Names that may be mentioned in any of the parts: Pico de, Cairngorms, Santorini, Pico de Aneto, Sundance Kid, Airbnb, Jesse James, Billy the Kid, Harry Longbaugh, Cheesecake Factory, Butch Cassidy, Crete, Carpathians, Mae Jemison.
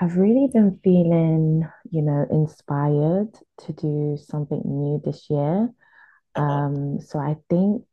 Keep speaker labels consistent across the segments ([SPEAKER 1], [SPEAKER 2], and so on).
[SPEAKER 1] I've really been feeling, inspired to do something new this year.
[SPEAKER 2] Uh-huh.
[SPEAKER 1] So I think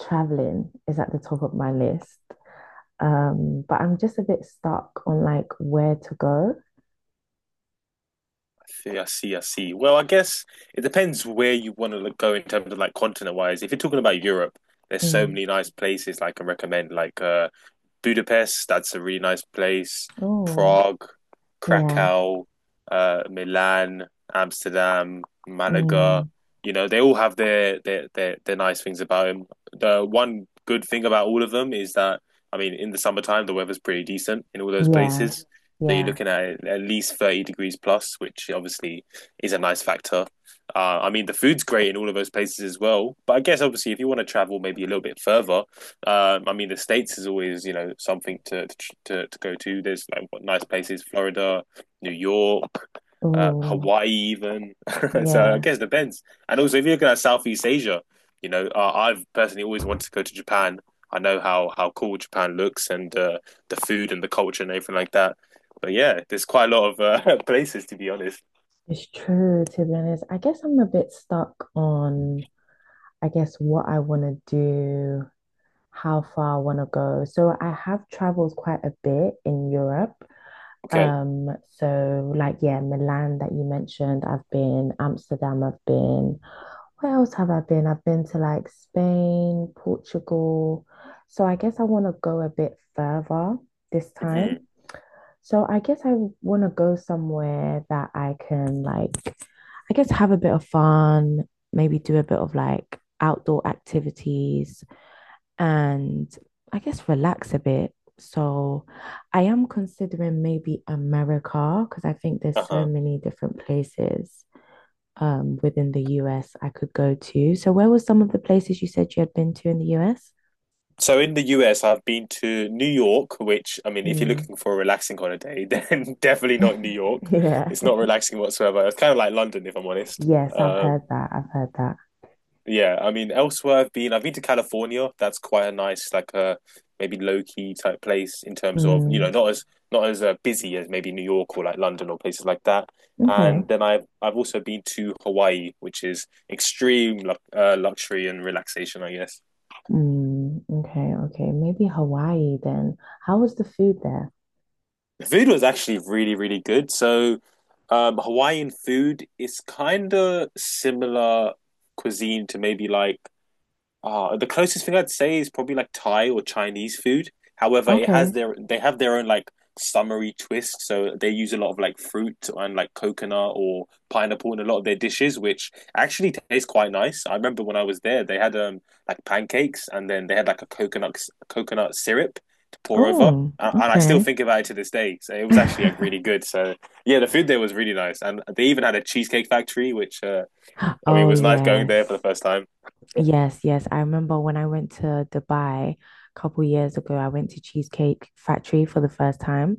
[SPEAKER 1] traveling is at the top of my list. But I'm just a bit stuck on like where to go.
[SPEAKER 2] I see, I see, I see. Well, I guess it depends where you want to go in terms of like continent wise. If you're talking about Europe, there's so
[SPEAKER 1] Mm.
[SPEAKER 2] many nice places like, I can recommend. Like Budapest, that's a really nice place.
[SPEAKER 1] Oh,
[SPEAKER 2] Prague,
[SPEAKER 1] yeah.
[SPEAKER 2] Krakow, Milan, Amsterdam, Malaga.
[SPEAKER 1] Mm.
[SPEAKER 2] You know, they all have their nice things about them. The one good thing about all of them is that I mean, in the summertime, the weather's pretty decent in all those
[SPEAKER 1] Yeah.
[SPEAKER 2] places. So you're
[SPEAKER 1] Yeah.
[SPEAKER 2] looking at least 30 degrees plus, which obviously is a nice factor. I mean, the food's great in all of those places as well. But I guess, obviously, if you want to travel maybe a little bit further, I mean, the states is always something to go to. There's like what nice places: Florida, New York,
[SPEAKER 1] Oh,
[SPEAKER 2] Hawaii, even. So I
[SPEAKER 1] yeah.
[SPEAKER 2] guess it depends. And also, if you're looking at like, Southeast Asia, I've personally always wanted to go to Japan. I know how cool Japan looks and the food and the culture and everything like that. But yeah, there's quite a lot of places to be honest.
[SPEAKER 1] It's true, to be honest. I guess I'm a bit stuck on. I guess what I want to do, how far I want to go. So I have traveled quite a bit in Europe.
[SPEAKER 2] Okay.
[SPEAKER 1] So like yeah, Milan that you mentioned, I've been, Amsterdam, I've been. Where else have I been? I've been to like Spain, Portugal. So I guess I want to go a bit further this
[SPEAKER 2] Hmm.
[SPEAKER 1] time. So I guess I want to go somewhere that I can like, I guess have a bit of fun, maybe do a bit of like outdoor activities and I guess relax a bit. So I am considering maybe America because I think there's so
[SPEAKER 2] Uh-huh.
[SPEAKER 1] many different places within the US I could go to. So where were some of the places you said you had been to in the US?
[SPEAKER 2] So in the US, I've been to New York, which I mean, if you're
[SPEAKER 1] Mm,
[SPEAKER 2] looking for a relaxing holiday, then definitely not New York. It's
[SPEAKER 1] yeah.
[SPEAKER 2] not relaxing whatsoever. It's kind of like London, if I'm honest.
[SPEAKER 1] Yes, I've
[SPEAKER 2] Um,
[SPEAKER 1] heard that. I've heard that.
[SPEAKER 2] yeah, I mean, elsewhere I've been to California. That's quite a nice, like a maybe low key type place in terms of, you know,
[SPEAKER 1] Mm,
[SPEAKER 2] not as not as busy as maybe New York or like London or places like that.
[SPEAKER 1] okay.
[SPEAKER 2] And then I've also been to Hawaii, which is extreme lu luxury and relaxation, I guess.
[SPEAKER 1] Mm, okay, okay. Maybe Hawaii then. How was the food there?
[SPEAKER 2] The food was actually really, really good. So, Hawaiian food is kind of similar cuisine to maybe like the closest thing I'd say is probably like Thai or Chinese food. However, it has
[SPEAKER 1] Okay.
[SPEAKER 2] their they have their own like summery twist, so they use a lot of like fruit and like coconut or pineapple in a lot of their dishes, which actually tastes quite nice. I remember when I was there, they had like pancakes and then they had like a coconut syrup to pour over.
[SPEAKER 1] Oh,
[SPEAKER 2] And I still
[SPEAKER 1] okay.
[SPEAKER 2] think about it to this day. So it was actually like really good. So yeah, the food there was really nice, and they even had a cheesecake factory, which I mean it
[SPEAKER 1] Oh,
[SPEAKER 2] was nice going there for the
[SPEAKER 1] yes.
[SPEAKER 2] first time.
[SPEAKER 1] Yes, yes. I remember when I went to Dubai a couple years ago, I went to Cheesecake Factory for the first time.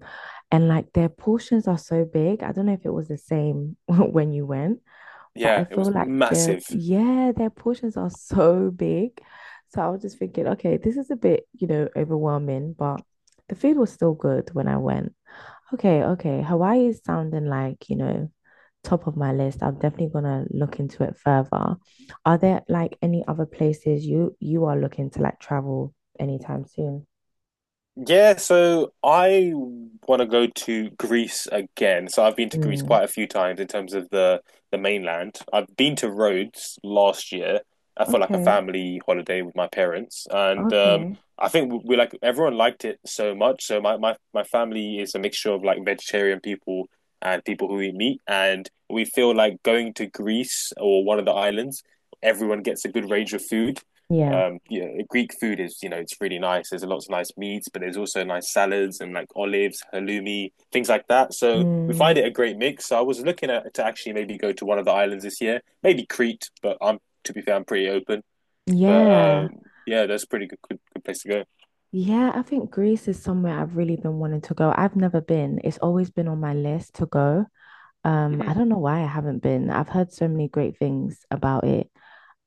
[SPEAKER 1] And like their portions are so big. I don't know if it was the same when you went, but I
[SPEAKER 2] Yeah, it was
[SPEAKER 1] feel like their,
[SPEAKER 2] massive.
[SPEAKER 1] yeah, their portions are so big. So I was just thinking, okay, this is a bit, overwhelming, but the food was still good when I went. Okay, okay. Hawaii is sounding like, top of my list. I'm definitely gonna look into it further. Are there like any other places you are looking to like travel anytime soon?
[SPEAKER 2] Yeah, so I want to go to Greece again. So I've been to Greece
[SPEAKER 1] Mm,
[SPEAKER 2] quite a few times in terms of the mainland. I've been to Rhodes last year for like a
[SPEAKER 1] okay,
[SPEAKER 2] family holiday with my parents, and
[SPEAKER 1] okay.
[SPEAKER 2] I think we like everyone liked it so much. So my family is a mixture of like vegetarian people and people who eat meat, and we feel like going to Greece or one of the islands, everyone gets a good range of food.
[SPEAKER 1] Yeah.
[SPEAKER 2] You know, Greek food is it's really nice. There's lots of nice meats, but there's also nice salads and like olives, halloumi, things like that. So we find
[SPEAKER 1] Mm,
[SPEAKER 2] it a great mix. So I was looking at to actually maybe go to one of the islands this year, maybe Crete, but I'm to be fair, I'm pretty open. But
[SPEAKER 1] yeah.
[SPEAKER 2] yeah, that's a pretty good place to go.
[SPEAKER 1] Yeah, I think Greece is somewhere I've really been wanting to go. I've never been. It's always been on my list to go.
[SPEAKER 2] Hmm.
[SPEAKER 1] I don't know why I haven't been. I've heard so many great things about it.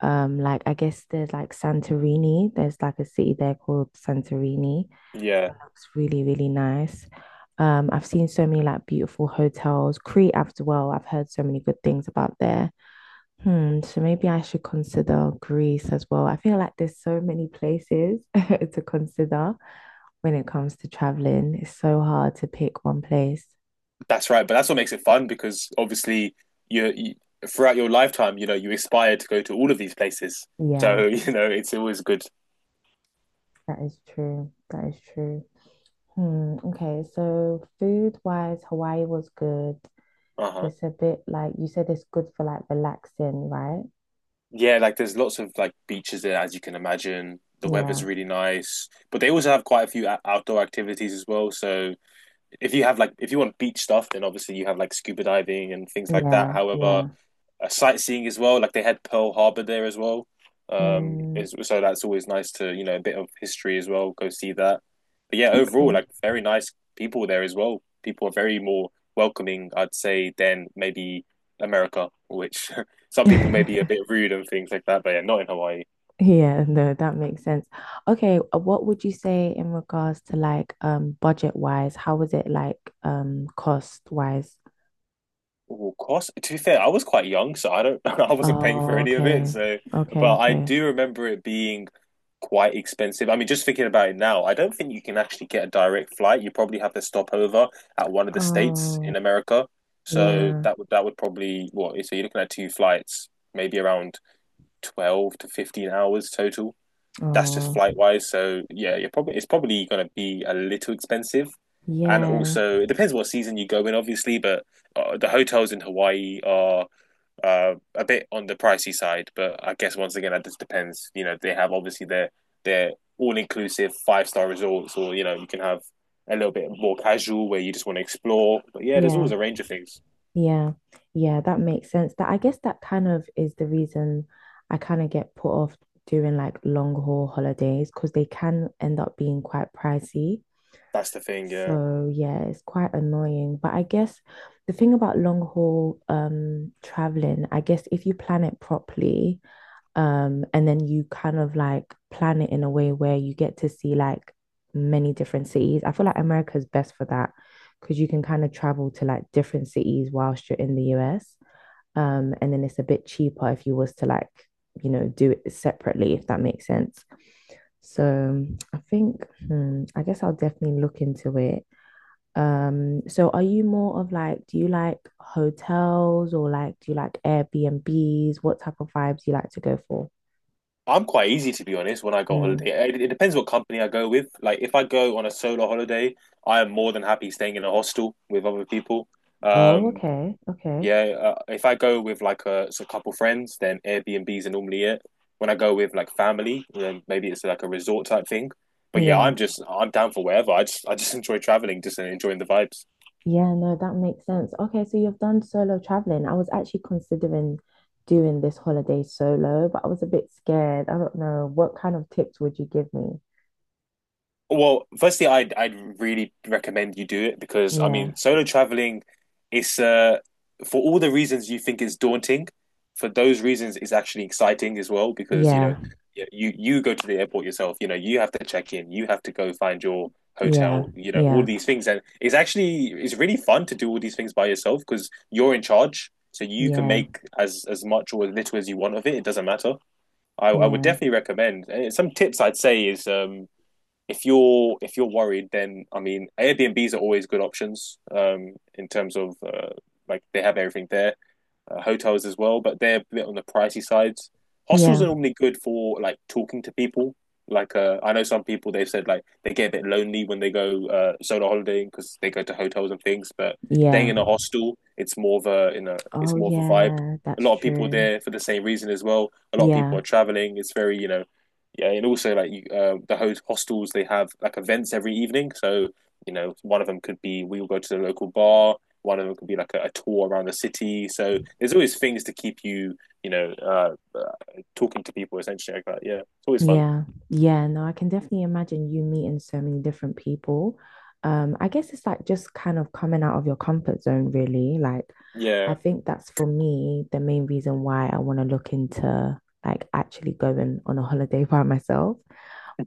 [SPEAKER 1] Like I guess there's like Santorini. There's like a city there called Santorini. It
[SPEAKER 2] Yeah,
[SPEAKER 1] looks really, really nice. I've seen so many like beautiful hotels. Crete as well. I've heard so many good things about there. Hmm, so maybe I should consider Greece as well. I feel like there's so many places to consider when it comes to traveling. It's so hard to pick one place.
[SPEAKER 2] that's right. But that's what makes it fun because obviously you throughout your lifetime, you aspire to go to all of these places. So
[SPEAKER 1] Yeah,
[SPEAKER 2] it's always good.
[SPEAKER 1] that is true. That is true. Hmm, okay, so food wise, Hawaii was good.
[SPEAKER 2] Uh huh.
[SPEAKER 1] It's a bit like you said it's good for like relaxing, right?
[SPEAKER 2] Yeah, like there's lots of like beaches there, as you can imagine. The weather's
[SPEAKER 1] Yeah,
[SPEAKER 2] really nice, but they also have quite a few outdoor activities as well. So if you want beach stuff, then obviously you have like scuba diving and things like that.
[SPEAKER 1] yeah,
[SPEAKER 2] However,
[SPEAKER 1] yeah.
[SPEAKER 2] sightseeing as well. Like they had Pearl Harbor there as well. Um,
[SPEAKER 1] Hmm,
[SPEAKER 2] so that's always nice to a bit of history as well. Go see that. But yeah, overall,
[SPEAKER 1] okay.
[SPEAKER 2] like very nice people there as well. People are very more welcoming, I'd say, than maybe America, which some people may be a bit rude and things like that. But yeah, not in Hawaii.
[SPEAKER 1] Yeah, no, that makes sense. Okay, what would you say in regards to like budget wise? How was it like cost wise?
[SPEAKER 2] Well, cost. To be fair, I was quite young, so I don't. I wasn't paying for
[SPEAKER 1] Oh,
[SPEAKER 2] any of it.
[SPEAKER 1] okay.
[SPEAKER 2] So,
[SPEAKER 1] Okay,
[SPEAKER 2] but I
[SPEAKER 1] okay.
[SPEAKER 2] do remember it being quite expensive. I mean, just thinking about it now, I don't think you can actually get a direct flight. You probably have to stop over at one of the states
[SPEAKER 1] Oh,
[SPEAKER 2] in America. So
[SPEAKER 1] yeah.
[SPEAKER 2] that would probably what? So you're looking at two flights, maybe around 12 to 15 hours total. That's just
[SPEAKER 1] Oh,
[SPEAKER 2] flight wise. So yeah, you're probably it's probably going to be a little expensive, and
[SPEAKER 1] yeah.
[SPEAKER 2] also it depends what season you go in, obviously. But the hotels in Hawaii are a bit on the pricey side. But I guess once again, that just depends. You know, they have obviously their all inclusive five-star resorts, or you can have a little bit more casual where you just want to explore. But yeah, there's
[SPEAKER 1] Yeah.
[SPEAKER 2] always a range of things.
[SPEAKER 1] Yeah, yeah, that makes sense. That I guess that kind of is the reason I kind of get put off doing like long haul holidays because they can end up being quite pricey.
[SPEAKER 2] That's the thing. Yeah.
[SPEAKER 1] So yeah, it's quite annoying. But I guess the thing about long haul traveling, I guess if you plan it properly, and then you kind of like plan it in a way where you get to see like many different cities. I feel like America's best for that because you can kind of travel to like different cities whilst you're in the US. And then it's a bit cheaper if you was to like, do it separately, if that makes sense. So I think, hmm, I guess I'll definitely look into it. So are you more of like, do you like hotels or like, do you like Airbnbs? What type of vibes do you like to go for?
[SPEAKER 2] I'm quite easy to be honest when I go
[SPEAKER 1] Mm.
[SPEAKER 2] holiday. It depends what company I go with. Like if I go on a solo holiday, I am more than happy staying in a hostel with other people.
[SPEAKER 1] Oh,
[SPEAKER 2] Um,
[SPEAKER 1] okay. Okay.
[SPEAKER 2] yeah, if I go with like a couple friends, then Airbnbs are normally it. When I go with like family, then maybe it's like a resort type thing. But yeah,
[SPEAKER 1] Yeah.
[SPEAKER 2] I'm down for wherever. I just enjoy traveling, just enjoying the vibes.
[SPEAKER 1] Yeah, no, that makes sense. Okay, so you've done solo traveling. I was actually considering doing this holiday solo, but I was a bit scared. I don't know. What kind of tips would you give me?
[SPEAKER 2] Well, firstly, I'd really recommend you do it because I
[SPEAKER 1] Yeah.
[SPEAKER 2] mean, solo traveling, it's for all the reasons you think is daunting, for those reasons it's actually exciting as well because you know
[SPEAKER 1] Yeah.
[SPEAKER 2] you go to the airport yourself, you know you have to check in, you have to go find your
[SPEAKER 1] Yeah.
[SPEAKER 2] hotel, you know all
[SPEAKER 1] Yeah.
[SPEAKER 2] these things, and it's actually it's really fun to do all these things by yourself because you're in charge, so you can
[SPEAKER 1] Yeah.
[SPEAKER 2] make as much or as little as you want of it. It doesn't matter. I would
[SPEAKER 1] Yeah.
[SPEAKER 2] definitely recommend. Some tips I'd say is if you're worried, then I mean Airbnbs are always good options in terms of like they have everything there hotels as well, but they're a bit on the pricey sides. Hostels
[SPEAKER 1] Yeah.
[SPEAKER 2] are normally good for like talking to people. Like I know some people they've said like they get a bit lonely when they go solo holidaying because they go to hotels and things, but staying
[SPEAKER 1] Yeah.
[SPEAKER 2] in a hostel, it's more of a
[SPEAKER 1] Oh,
[SPEAKER 2] vibe.
[SPEAKER 1] yeah,
[SPEAKER 2] A
[SPEAKER 1] that's
[SPEAKER 2] lot of people are
[SPEAKER 1] true.
[SPEAKER 2] there for the same reason as well. A lot of people
[SPEAKER 1] Yeah.
[SPEAKER 2] are traveling. It's very yeah, and also like you, the hostels they have like events every evening. So one of them could be we will go to the local bar. One of them could be like a tour around the city. So there's always things to keep you, you know, uh, uh, talking to people essentially like that. Yeah, it's always fun.
[SPEAKER 1] Yeah, yeah, no, I can definitely imagine you meeting so many different people. I guess it's like just kind of coming out of your comfort zone, really. Like,
[SPEAKER 2] Yeah,
[SPEAKER 1] I think that's for me the main reason why I want to look into like actually going on a holiday by myself.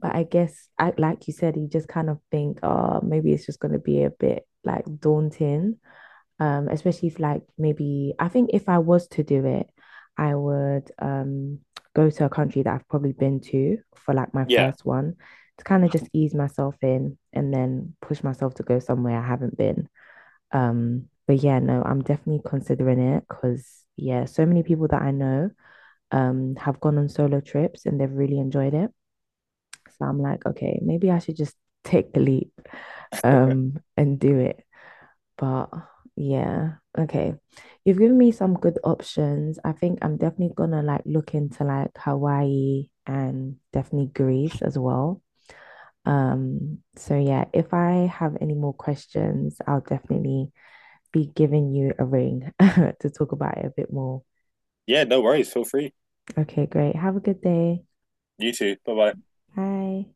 [SPEAKER 1] But I guess, I, like you said, you just kind of think, oh, maybe it's just going to be a bit like daunting. Especially if like maybe I think if I was to do it, I would go to a country that I've probably been to for like my
[SPEAKER 2] yeah,
[SPEAKER 1] first one to kind of just ease myself in and then push myself to go somewhere I haven't been. But yeah, no, I'm definitely considering it because yeah, so many people that I know have gone on solo trips and they've really enjoyed it. So I'm like, okay, maybe I should just take the leap and do it. But yeah, okay. You've given me some good options. I think I'm definitely gonna like look into like Hawaii and definitely Greece as well. So yeah, if I have any more questions, I'll definitely be giving you a ring to talk about it a bit more.
[SPEAKER 2] yeah. No worries. Feel free.
[SPEAKER 1] Okay, great. Have a good day.
[SPEAKER 2] You too. Bye bye.
[SPEAKER 1] Bye.